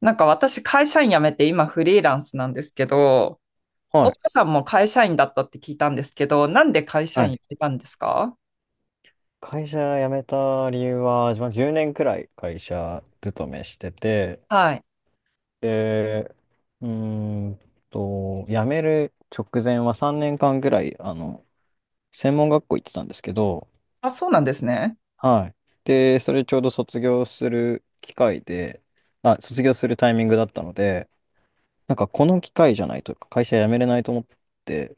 なんか私会社員辞めて今フリーランスなんですけど、はい。岡さんも会社員だったって聞いたんですけど、なんで会社は員行い。ってたんですか？会社辞めた理由は、自分は10年くらい会社勤めしてて、はい。で、うーん辞める直前は3年間くらい、専門学校行ってたんですけど、あ、そうなんですね。はい。で、それちょうど卒業する機会で、あ、卒業するタイミングだったので、なんかこの機会じゃないと会社辞めれないと思って、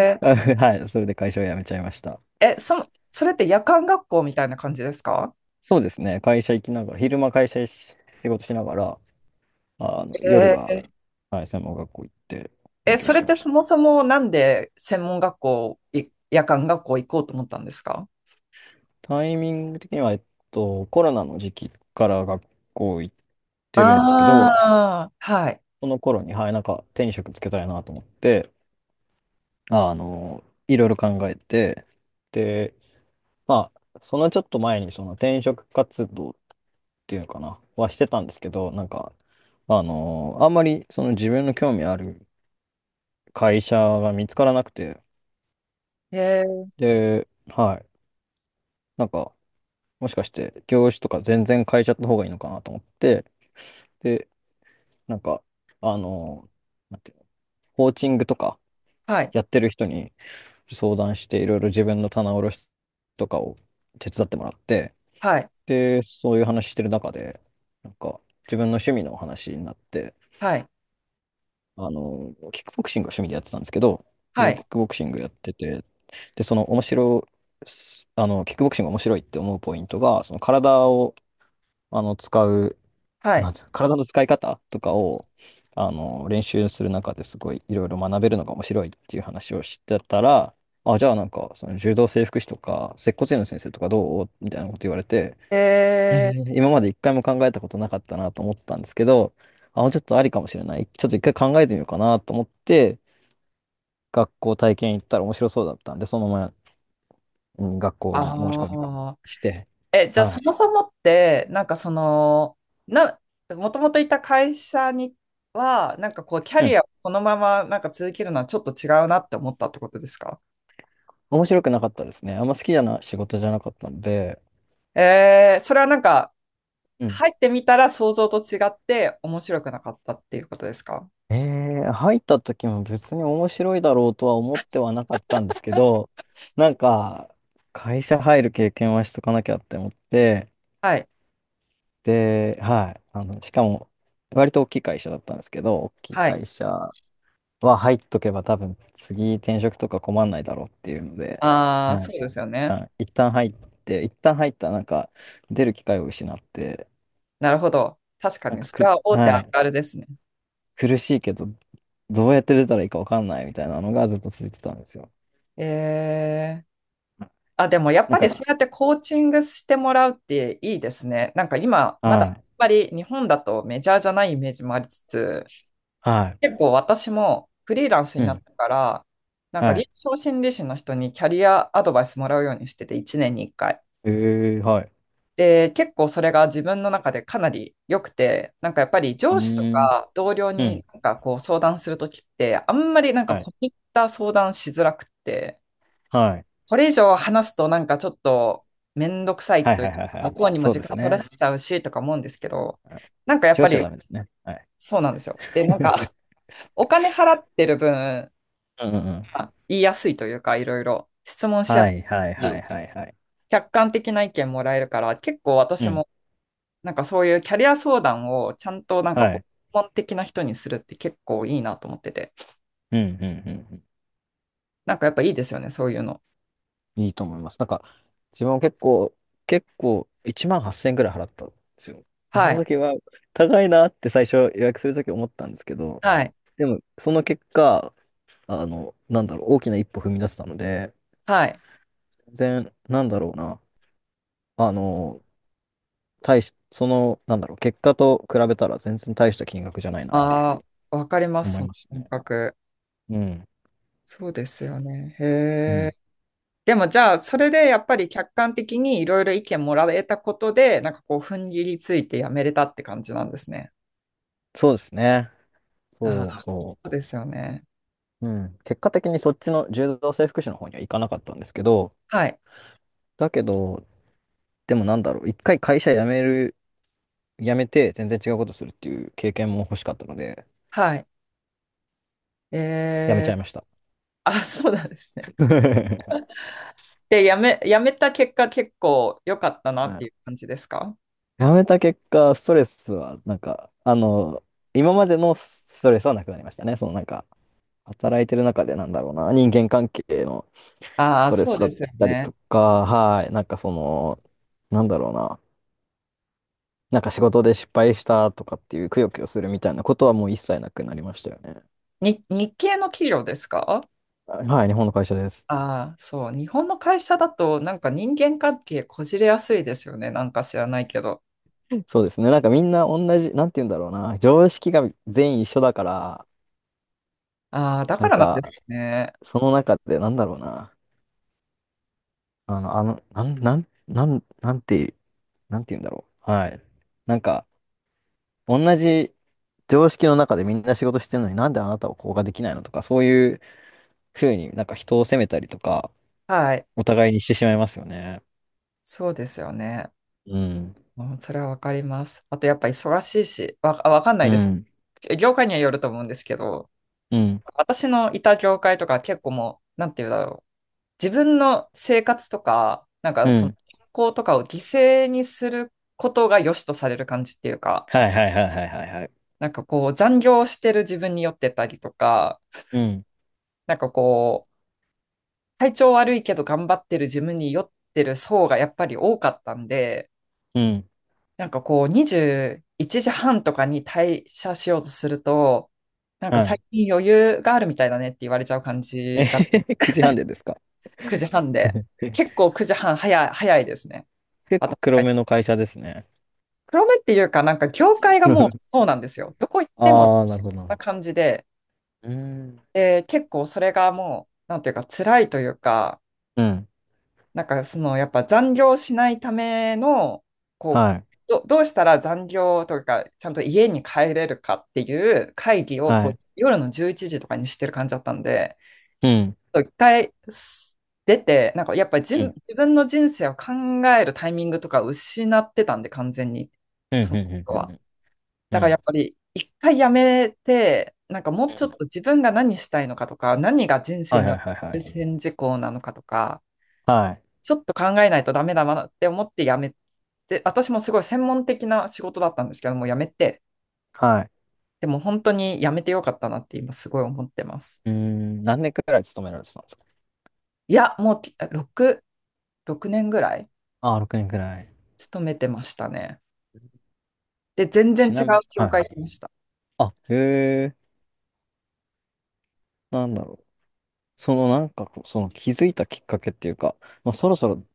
はい、それで会社を辞めちゃいました。それって夜間学校みたいな感じですか？そうですね、会社行きながら、昼間会社し仕事しながら、夜えは、はい、専門学校行って勉強そしれてっまてしそもた。そもなんで専門学校、夜間学校行こうと思ったんですか？タイミング的には、コロナの時期から学校行ってるんですけど、ああー、はい。その頃に、はい、なんか手に職つけたいなと思って、あの、いろいろ考えて、で、まあ、そのちょっと前に、その転職活動っていうのかな、はしてたんですけど、なんか、あんまりその自分の興味ある会社が見つからなくて、えー、で、はい、なんか、もしかして業種とか全然変えちゃった方がいいのかなと思って、で、なんか、あの、なんていうの、コーチングとかはい、やってる人に相談して、いろいろ自分の棚卸しとかを手伝ってもらって、はい、で、そういう話してる中で、なんか、自分の趣味の話になって、はい、キックボクシングが趣味でやってたんですけど、はで、い、キックボクシングやってて、で、その面白い、あの、キックボクシングが面白いって思うポイントが、その体を、あの、使う、はなんい。ていうの体の使い方とかを、練習する中ですごいいろいろ学べるのが面白いっていう話をしてたら、あ、じゃあなんか、その柔道整復師とか、接骨院の先生とかどうみたいなこと言われて、へえー、ー今まで一回も考えたことなかったなと思ったんですけど、あ、もうちょっとありかもしれない。ちょっと一回考えてみようかなと思って、学校体験行ったら面白そうだったんで、そのまま、うん、学校に申し込みああ。して、え、じゃあはそもい。そもって、なんかその、な、もともといた会社には、なんかこう、キャうリん。アをこのままなんか続けるのはちょっと違うなって思ったってことですか？面白くなかったですね。あんま好きじゃな仕事じゃなかったんで、それはなんか、うん入ってみたら想像と違って面白くなかったっていうことですか？えー、入った時も別に面白いだろうとは思ってはなかったんですけど、なんか、会社入る経験はしとかなきゃって思って、はい。で、はい、しかも、割と大きい会社だったんですけど、大きいはい。会社は入っとけば多分次転職とか困んないだろうっていうので、ああ、はい、一そうですよね。旦、一旦入って、一旦入ったらなんか出る機会を失って、なるほど。確かなんに、かそれく、は大手あはるい、あるですね。苦しいけど、どうやって出たらいいかわかんないみたいなのがずっと続いてたんですよ。えーあ、でもやっなぱんりか、そうやってコーチングしてもらうっていいですね。なんか今、まだやっはい、ぱり日本だとメジャーじゃないイメージもありつつ、は結構私もフリーランスい、にうなっん、てから、なんかは臨い。床心理士の人にキャリアアドバイスもらうようにしてて、1年に1回。えー、はい。で、結構それが自分の中でかなり良くて、なんかやっぱりう上司とーん、か同僚うにん、なんかこう相談するときって、あんまりなんかはい、込み入った相談しづらくって、はい、これ以上話すとなんかちょっとめんどくさいはいといはういはいはか、い。向こうにもそう時です間取らね。せちゃうしとか思うんですけど、うん。なんかやっ口をぱしちゃりダメですね。はい。そうなんですよ。で、なんか お金払ってる分、うんうんうん。言いやすいというか、いろいろ質問しやはすいはいいはし。いはいはい。客観的な意見もらえるから、結構う私ん。もなんかそういうキャリア相談をちゃんとなんかはこい。う、基本的な人にするって結構いいなと思ってて、うんうんうんうなんかやっぱいいですよね、そういうの。ん。いいと思います。なんか、自分は結構、1万8000円くらい払ったんですよ。でそはのい、時は、高いなって最初予約する時思ったんですけど、はい、でも、その結果、なんだろう、大きな一歩踏み出せたので、はい。全然、なんだろうな。あの、その、なんだろう、結果と比べたら全然大した金額じゃないなっていうふうあにあ、わかります、思そいのます感ね。覚。うん。そうですよね。へうえ。ん。でもじゃあ、それでやっぱり客観的にいろいろ意見もらえたことで、なんかこう、踏ん切りついてやめれたって感じなんですね。そうですね。あそうあ、そそうですよね。う。うん。結果的にそっちの柔道整復師の方には行かなかったんですけど、はい。だけど、でもなんだろう、一回会社辞めて全然違うことするっていう経験も欲しかったので、はい。え辞めちえ。ゃいました。あ、そうなんですね。で、やめた結果結構良かったなはってい。いう感じですか？やめた結果、ストレスは、なんか、今までのストレスはなくなりましたね。そのなんか、働いてる中でなんだろうな、人間関係のスああ、トレそうスだっですよたりね。とか、はい、なんかその、なんだろうな、なんか仕事で失敗したとかっていう、くよくよするみたいなことはもう一切なくなりましたよね。日系の企業ですか？はい、日本の会社です。ああ、そう。日本の会社だと、なんか人間関係こじれやすいですよね。なんか知らないけど。そうですね。なんかみんな同じ、なんて言うんだろうな、常識が全員一緒だから、ああ、だなかんらなんでか、すね。その中でなんだろうな、あの、あの、なん、なん、なん、なんて、なんて言うんだろう。はい。なんか、同じ常識の中でみんな仕事してるのになんであなたはこうができないのとか、そういうふうになんか人を責めたりとか、はい。お互いにしてしまいますよね。そうですよね。うん。うん、それはわかります。あとやっぱ忙しいし、わかんなういです。ん。業界にはよると思うんですけど、うん。私のいた業界とか結構もう、なんて言うんだろう。自分の生活とか、なんうかそのん。健康とかを犠牲にすることが良しとされる感じっていうか、はいはいはいはいはいはい。なんかこう残業してる自分に酔ってたりとか、うん。なんかこう、体調悪いけど頑張ってる自分に酔ってる層がやっぱり多かったんで、うん。なんかこう、21時半とかに退社しようとすると、なんかは最い。近余裕があるみたいだねって言われちゃう感えじだ。へへ、9時半でですか？9時半で。え、結構9時半早いですね。結構私黒が。めの会社ですね。黒目っていうか、なんか業界がもう そうなんですよ。どこ行ってもああ、なるほどそなんるほなど。感じで、うーん。で、結構それがもう、なんていうか辛いというか、うん。なんかそのやっぱ残業しないためのこうはい。どうしたら残業というかちゃんと家に帰れるかっていう会議をこはうい。夜の11時とかにしてる感じだったんで、うん。ちょっと一回出て、なんかやっぱうん自分の人生を考えるタイミングとか失ってたんで完全に、うんうそんうのことんうは。んうだかんうらやっんぱり一回やめて、なんかもううちょっんと自分が何したいのかとか、何が人生はいにはおいけはいはる優い。先事項なのかとか、はい。ちょっと考えないとダメだなって思って辞めて、私もすごい専門的な仕事だったんですけども、辞めて、はでも本当に辞めてよかったなって今すごい思ってます。い。うーん、何年くらい勤められてたんですか？いや、もう6、6年ぐらいああ、6年くらい。勤めてましたね。で、全然ち違なうみに、はい教はいは会い。行きました。あ、へえ、なんだろう。そのなんかこう、その気づいたきっかけっていうか、まあ、そろそろ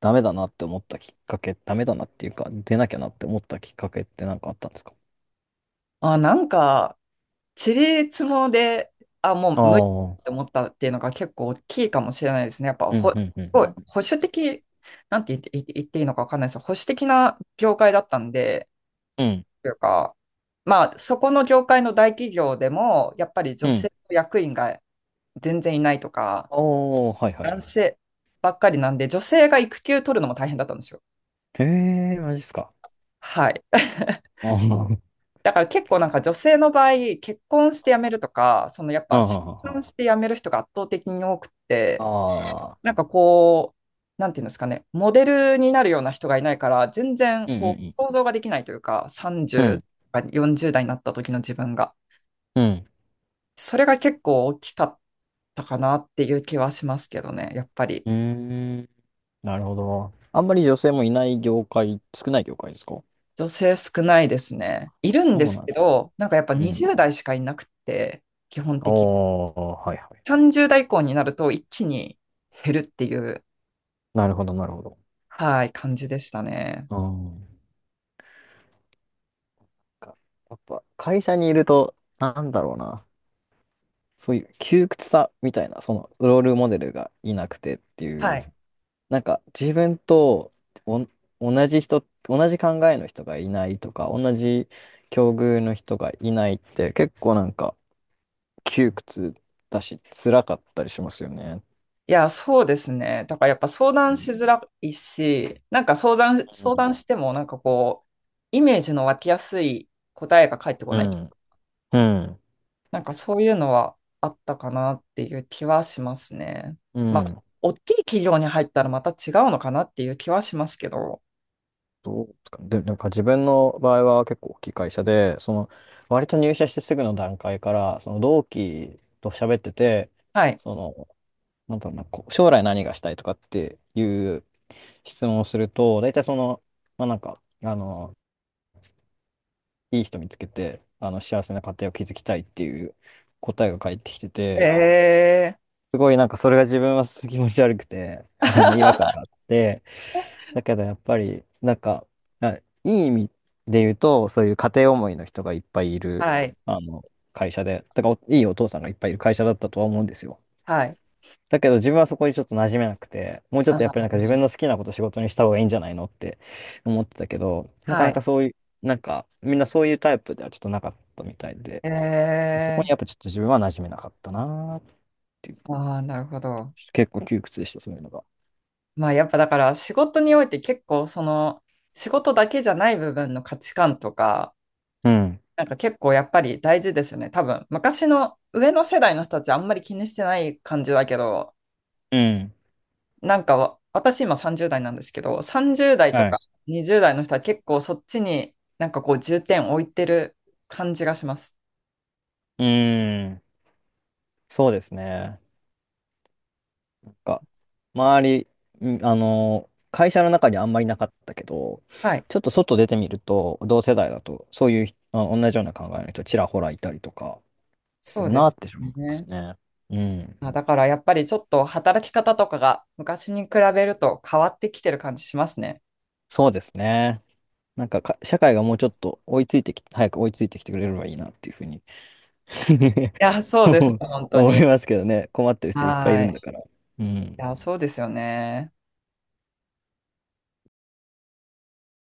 ダメだなって思ったきっかけ、ダメだなっていうか、出なきゃなって思ったきっかけってなんかあったんですか？あ、なんか、地理つもで、あ、もあうあ無理ってー、思ったっていうのが結構大きいかもしれないですね。やっぱうんほ、うんうんすごいうん保守的、なんて言っていいのかわかんないです。保守的な業界だったんで、うん。というか、まあ、そこの業界の大企業でも、やっぱりう女ん。性の役員が全然いないとか、おー、はいはいは男い。性ばっかりなんで、女性が育休取るのも大変だったんですよ。へえ、マジっすか。はい。あーあー、だから結構なんか女性の場合、結婚して辞めるとか、そのやっ あーぱ出あー、産して辞める人が圧倒的に多くあて、ーなんかこう、なんていうんですかね、モデルになるような人がいないから、全う然んうこう想ん像ができないというか、うん。う30ん。とか40代になった時の自分が。うんそれが結構大きかったかなっていう気はしますけどね、やっぱり。うーん。なるほど。あんまり女性もいない業界、少ない業界ですか？女性少ないですね。いあ、るんでそうすなんでけすね。ど、なんかやっぱうん。20代しかいなくて、基本的に。おー、はいはい。30代以降になると一気に減るっていう、なるほど、なるほど。はい、感じでしたね。うん。かやっぱ、会社にいると、なんだろうな。そういう窮屈さみたいな、その、ロールモデルがいなくてっていはう、い。なんか、自分とお、同じ考えの人がいないとか、同じ境遇の人がいないって、結構なんか、窮屈だし、辛かったりしますよね。いや、そうですね。だからやっぱ相う談ん、しづらいし、なんか相談してもなんかこう、イメージの湧きやすい答えが返ってこうないん、うん。なんかそういうのはあったかなっていう気はしますね。うまあ、ん。大きい企業に入ったらまた違うのかなっていう気はしますけど。どうですかね。で、なんか自分の場合は結構大きい会社で、その、割と入社してすぐの段階から、その同期と喋ってて、はい。その、なんだろうな、こう将来何がしたいとかっていう質問をすると、大体その、まあなんか、いい人見つけて、幸せな家庭を築きたいっていう答えが返ってきてて、えすごいなんかそれが自分はすごい気持ち悪くて、違和ー、感が あって、だけどやっぱり、なんか、あいい意味で言うと、そういう家庭思いの人がいっぱいいる、はい。あの、会社で、だからおいいお父さんがいっぱいいる会社だったとは思うんですよ。はい。だけど自分はそこにちょっと馴染めなくて、もうちょっとやっぱりなあ、んか自分の好きなこと仕事にした方がいいんじゃないのって思ってたけど、なかはなかい。そういう、なんかみんなそういうタイプではちょっとなかったみたいで、そこにやっぱちえょっと自分は馴染めなかったなーっていう、ああ、なるほど。結構窮屈でした、そういうのが。まあ、やっぱだから仕事において結構その仕事だけじゃない部分の価値観とか、うん。なんか結構やっぱり大事ですよね。多分、昔の上の世代の人たちあんまり気にしてない感じだけど、うん。なんか私今30代なんですけど、30代とはかい。20代の人は結構そっちになんかこう重点を置いてる感じがします。うーん。そうですね。か、周り、んあの、会社の中にあんまりなかったけど、はい。ちょっと外出てみると、同世代だと、そういう、あ、同じような考えの人、ちらほらいたりとか、すそるうでなっすて思いますね。ね。うん。まあ、だからやっぱりちょっと働き方とかが昔に比べると変わってきてる感じしますね。そうですね。なんか、社会がもうちょっと追いついてき、早く追いついてきてくれればいいなっていうふうに いや、そうです。本当思に。いますけどね。困ってる人いっぱいいるはい。んだかいら。うん。や、そうですよね。